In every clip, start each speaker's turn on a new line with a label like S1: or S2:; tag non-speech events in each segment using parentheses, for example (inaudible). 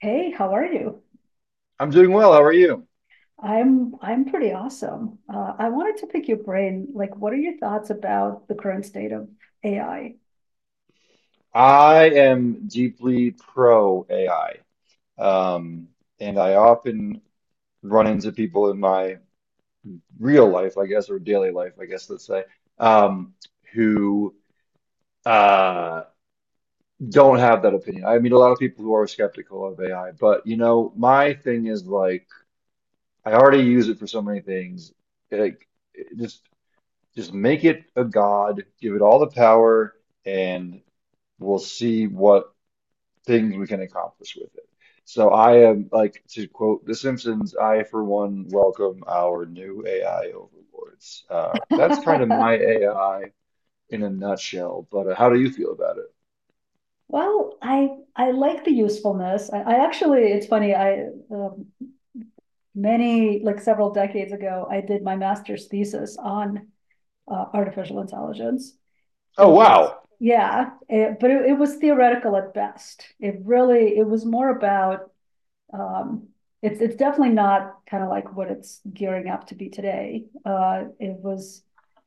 S1: Hey, how are you?
S2: I'm doing well. How are you?
S1: I'm pretty awesome. I wanted to pick your brain. Like, what are your thoughts about the current state of AI?
S2: I am deeply pro AI. Um, and I often run into people in my real life, I guess, or daily life, I guess, let's say, um, who uh, don't have that opinion. I meet a lot of people who are skeptical of AI, but my thing is like, I already use it for so many things. Like, it- just just make it a god, give it all the power, and we'll see what things we can accomplish with it. So I am like to quote The Simpsons, I for one welcome our new AI overlords. That's kind of my
S1: (laughs)
S2: AI in a nutshell, but how do you feel about it?
S1: Well, I like the usefulness. I actually, it's funny. I Many, like, several decades ago, I did my master's thesis on artificial intelligence.
S2: Oh,
S1: It was
S2: wow.
S1: Yeah, but it was theoretical at best. It was more about. Um, it's definitely not kind of like what it's gearing up to be today. It was,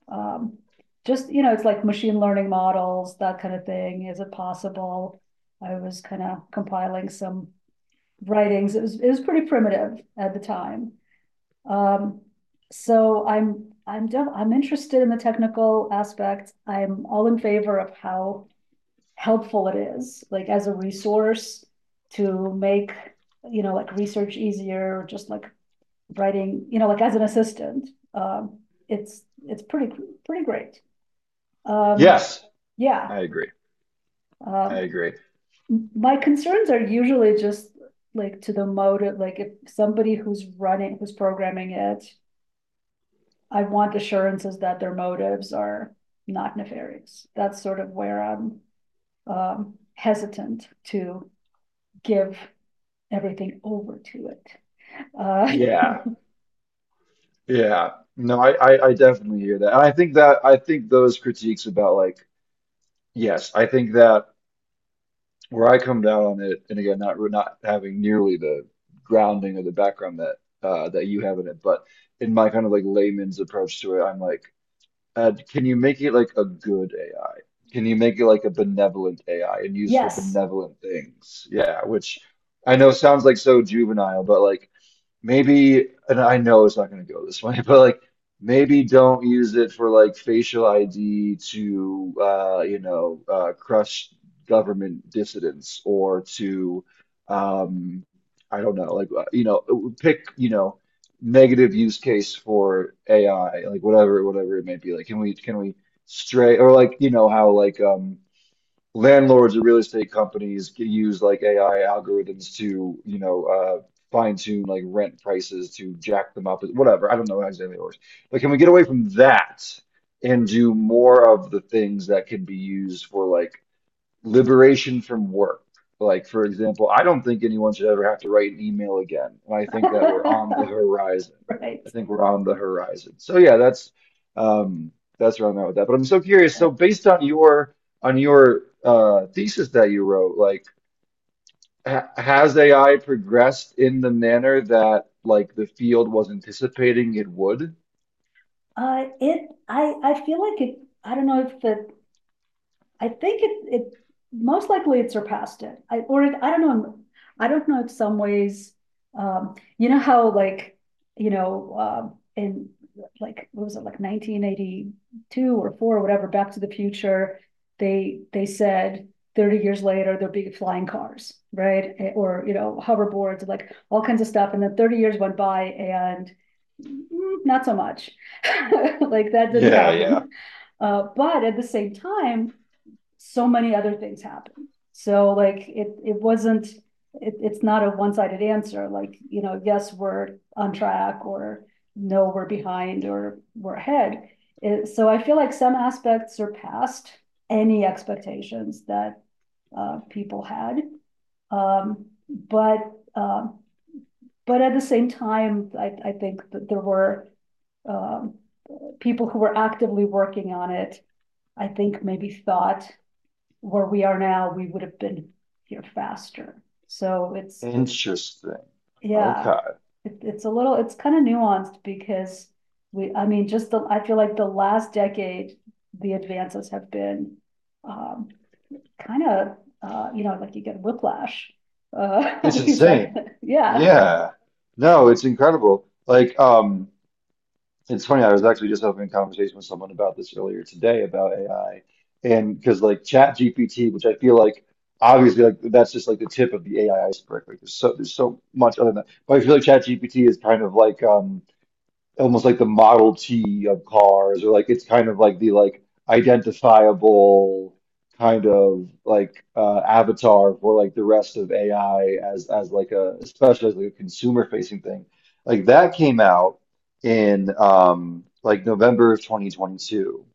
S1: um, just, you know, it's like machine learning models, that kind of thing. Is it possible? I was kind of compiling some writings. It was pretty primitive at the time. Um, so I'm interested in the technical aspects. I'm all in favor of how helpful it is, like as a resource to make, you know, like research easier, or just like writing, you know, like as an assistant. It's pretty great. Um,
S2: Yes,
S1: yeah.
S2: I agree. I
S1: Um,
S2: agree.
S1: my concerns are usually just like to the motive, like if somebody who's running, who's programming it, I want assurances that their motives are not nefarious. That's sort of where I'm hesitant to give everything over to it. Uh,
S2: Yeah. Yeah. No, I definitely hear that. And I think those critiques about like, yes, I think that where I come down on it, and again, not having nearly the grounding or the background that you have in it, but in my kind of like layman's approach to it, I'm like, can you make it like a good AI? Can you make it like a benevolent AI and use for
S1: yes.
S2: benevolent things? Yeah, which I know sounds like so juvenile, but like maybe, and I know it's not going to go this way, (laughs) but like maybe don't use it for like facial ID to, crush government dissidents or to, um, I don't know, like, pick, negative use case for AI, like whatever, whatever it may be. Like, can we stray or like, how like, landlords or real estate companies use like AI algorithms to, fine tune like rent prices to jack them up, whatever. I don't know how exactly it works. But can we get away from that and do more of the things that can be used for like liberation from work. Like, for example, I don't think anyone should ever have to write an email again. And I
S1: (laughs)
S2: think that we're on the
S1: Right.
S2: horizon. I think we're on the horizon. So yeah, um, that's where I'm at with that. But I'm so curious.
S1: Uh,
S2: So based on your thesis that you wrote, like, ha has AI progressed in the manner that like the field was anticipating it would?
S1: it. I. I feel like it. I don't know if the I think it it most likely it surpassed it. I don't know. I don't know if some ways, you know how, like, in, like, what was it, like 1982 or four or whatever, Back to the Future, they said 30 years later there'll be flying cars, right? Eh, or hoverboards, like all kinds of stuff, and then 30 years went by and not so much. (laughs) Like that didn't
S2: Yeah, yeah.
S1: happen. But at the same time, so many other things happened. So, like, it wasn't, it's not a one-sided answer, like, you know, yes we're on track, or no we're behind, or we're ahead. So I feel like some aspects surpassed any expectations that people had. Um, but uh, but at the same time, I think that there were um, people who were actively working on it. I think maybe thought where we are now, we would have been here faster. So it's,
S2: Interesting.
S1: yeah.
S2: Okay.
S1: It's a little, it's kind of nuanced because, I mean, just I feel like the last decade, the advances have been um, kind of, like you get whiplash. (laughs) At
S2: It's
S1: least
S2: insane.
S1: yeah,
S2: Yeah. No, it's incredible. Like, it's funny, I was actually just having a conversation with someone about this earlier today about AI. And because like Chat GPT, which I feel like obviously like that's just like the tip of the AI iceberg. Like there's so much other than that. But I feel like Chat GPT is kind of like almost like the Model T of cars, or like it's kind of like the like identifiable kind of like avatar for like the rest of AI as like a especially as like a consumer facing thing. Like that came out in like November of 2022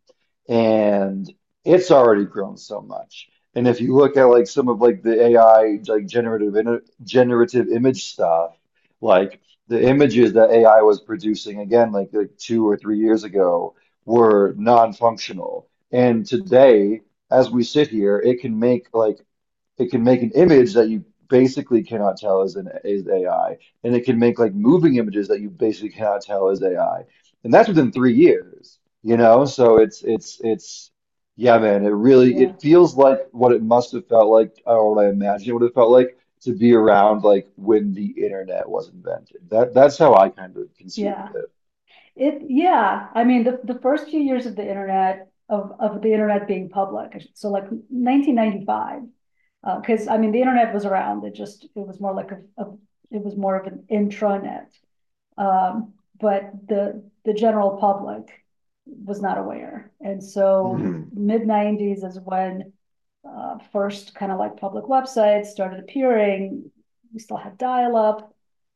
S2: and it's already grown so much. And if you look at like some of like the AI like generative image stuff, like the images that AI was producing again, like 2 or 3 years ago, were non-functional. And today, as we sit here, it can make like it can make an image that you basically cannot tell is AI, and it can make like moving images that you basically cannot tell is AI, and that's within three years. So it's yeah, man. It really
S1: yeah,
S2: it feels like what it must have felt like, or what I imagine what it would have felt like to be around like when the internet was invented. That's how I kind of conceive of
S1: yeah.
S2: it.
S1: Yeah. I mean, the first few years of the internet, of the internet being public, so like 1995. Because cause I mean, the internet was around, it was more like it was more of an intranet. Um, but the general public was not aware. And so
S2: Mhm.
S1: mid 90s is when first kind of like public websites started appearing. We still had dial up,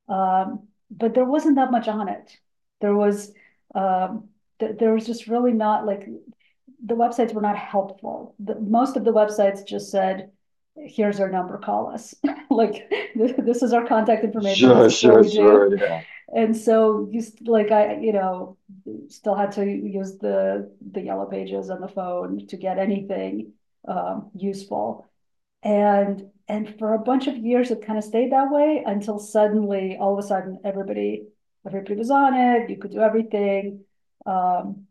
S1: but there wasn't that much on it. There was, um, there was just really not, like, the websites were not helpful. Most of the websites just said, "Here's our number, call us." (laughs) Like, this is our contact information. This
S2: Sure,
S1: is what
S2: sure,
S1: we do.
S2: sure. Yeah.
S1: And so like, still had to use the yellow pages on the phone to get anything useful. And for a bunch of years it kind of stayed that way, until suddenly, all of a sudden, everybody was on it. You could do everything. Um,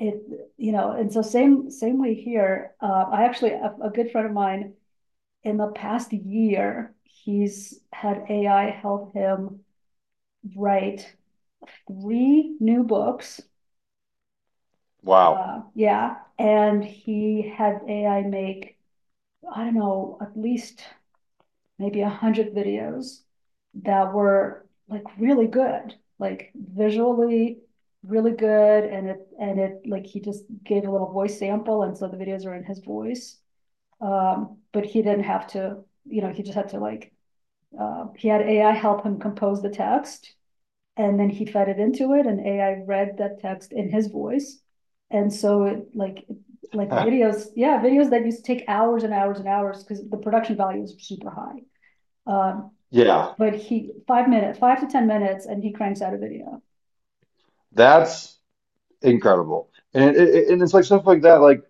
S1: it, and so same way here. I actually, a good friend of mine, in the past year, he's had AI help him write three new books.
S2: Wow.
S1: Yeah, and he had AI make, I don't know, at least maybe 100 videos that were like really good, like visually really good, and it like he just gave a little voice sample, and so the videos are in his voice. But he didn't have to, you know, he just had to, like, he had AI help him compose the text. And then he fed it into it and AI read that text in his voice. And so like
S2: (laughs)
S1: videos, yeah, videos that used to take hours and hours and hours, because the production value is super high. Um,
S2: Yeah.
S1: but he, 5 minutes, 5 to 10 minutes, and he cranks out a video.
S2: That's incredible. And it's like stuff like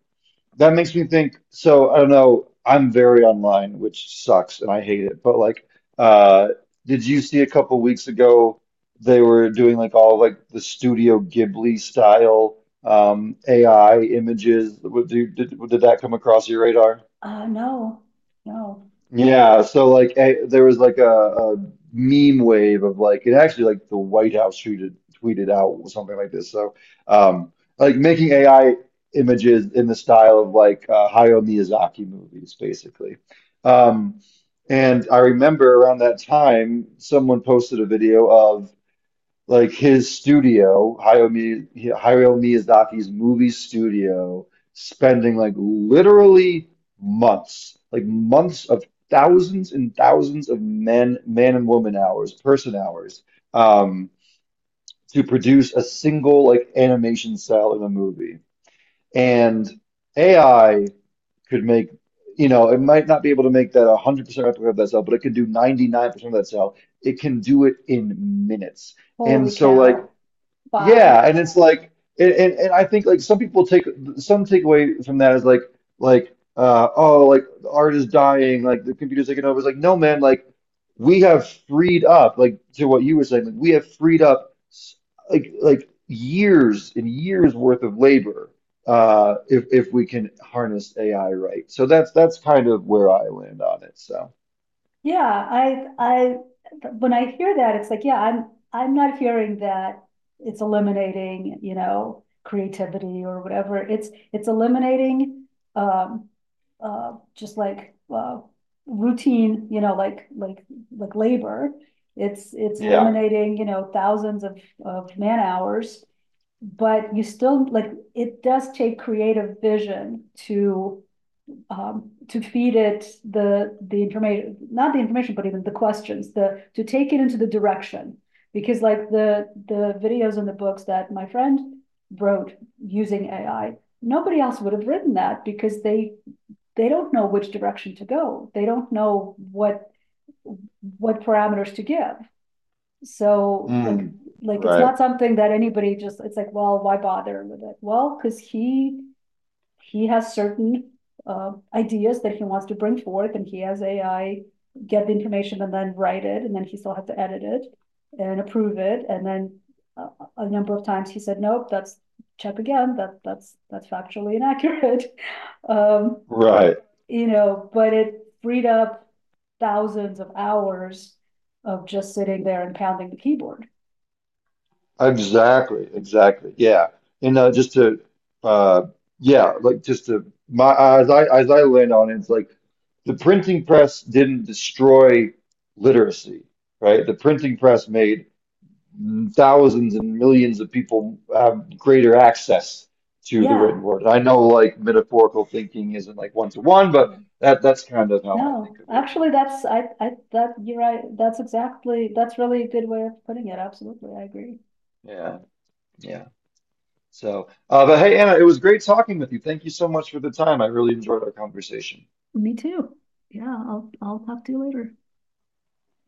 S2: that makes me think. So I don't know. I'm very online, which sucks, and I hate it. But like, uh, did you see a couple weeks ago they were doing like all like the Studio Ghibli style AI images? Did that come across your radar?
S1: No, no.
S2: Yeah, so like there was like a meme wave of like it actually like the White House tweeted out something like this. So um like making AI images in the style of like Hayao Miyazaki movies basically. Um and I remember around that time someone posted a video of like his studio, Hayao Miyazaki's movie studio, spending like literally months, like months of thousands and thousands of men, man and woman hours, person hours, um, to produce a single like animation cell in a movie. And AI could make, it might not be able to make that 100% replica of that cell, but it can do 99% of that cell. It can do it in minutes. And
S1: Holy
S2: so like
S1: cow. Wow.
S2: yeah, and it's like, and I think like some people take some takeaway from that is like, oh, like the art is dying, like the computer's taking over. It's like, no, man, like we have freed up, like to what you were saying, like we have freed up like years and years worth of labor, if we can harness AI right. So that's kind of where I land on it. So
S1: Yeah, I when I hear that, it's like, yeah, I'm not hearing that it's eliminating, you know, creativity or whatever. It's eliminating um just like routine, you know, like, like labor. It's
S2: yeah,
S1: eliminating, you know, thousands of man hours, but you still, like, it does take creative vision to feed it the information, not the information, but even the questions, the to take it into the direction. Because, like, the videos and the books that my friend wrote using AI, nobody else would have written that, because they don't know which direction to go. They don't know what parameters to give. So, like
S2: Mm.
S1: like it's
S2: Right,
S1: not something that anybody, just it's like, well, why bother with it? Well, because he has certain ideas that he wants to bring forth, and he has AI get the information and then write it, and then he still has to edit it and approve it, and then uh, a number of times he said, "Nope, that's, check again. That's factually inaccurate." (laughs) um,
S2: right.
S1: but it freed up thousands of hours of just sitting there and pounding the keyboard.
S2: Exactly, exactly. Yeah. And just to uh yeah, like just to my as I land on it, it's like the printing press didn't destroy literacy, right? The printing press made thousands and millions of people have greater access to the
S1: Yeah.
S2: written word. I know like metaphorical thinking isn't like one to one, but that's kind of how I
S1: No,
S2: think of it
S1: actually,
S2: anyways.
S1: that's I that you're right. That's exactly. That's really a good way of putting it. Absolutely, I agree.
S2: Yeah. Yeah. So, but hey, Anna, it was great talking with you. Thank you so much for the time. I really enjoyed our conversation.
S1: Me too. Yeah, I'll talk to you later.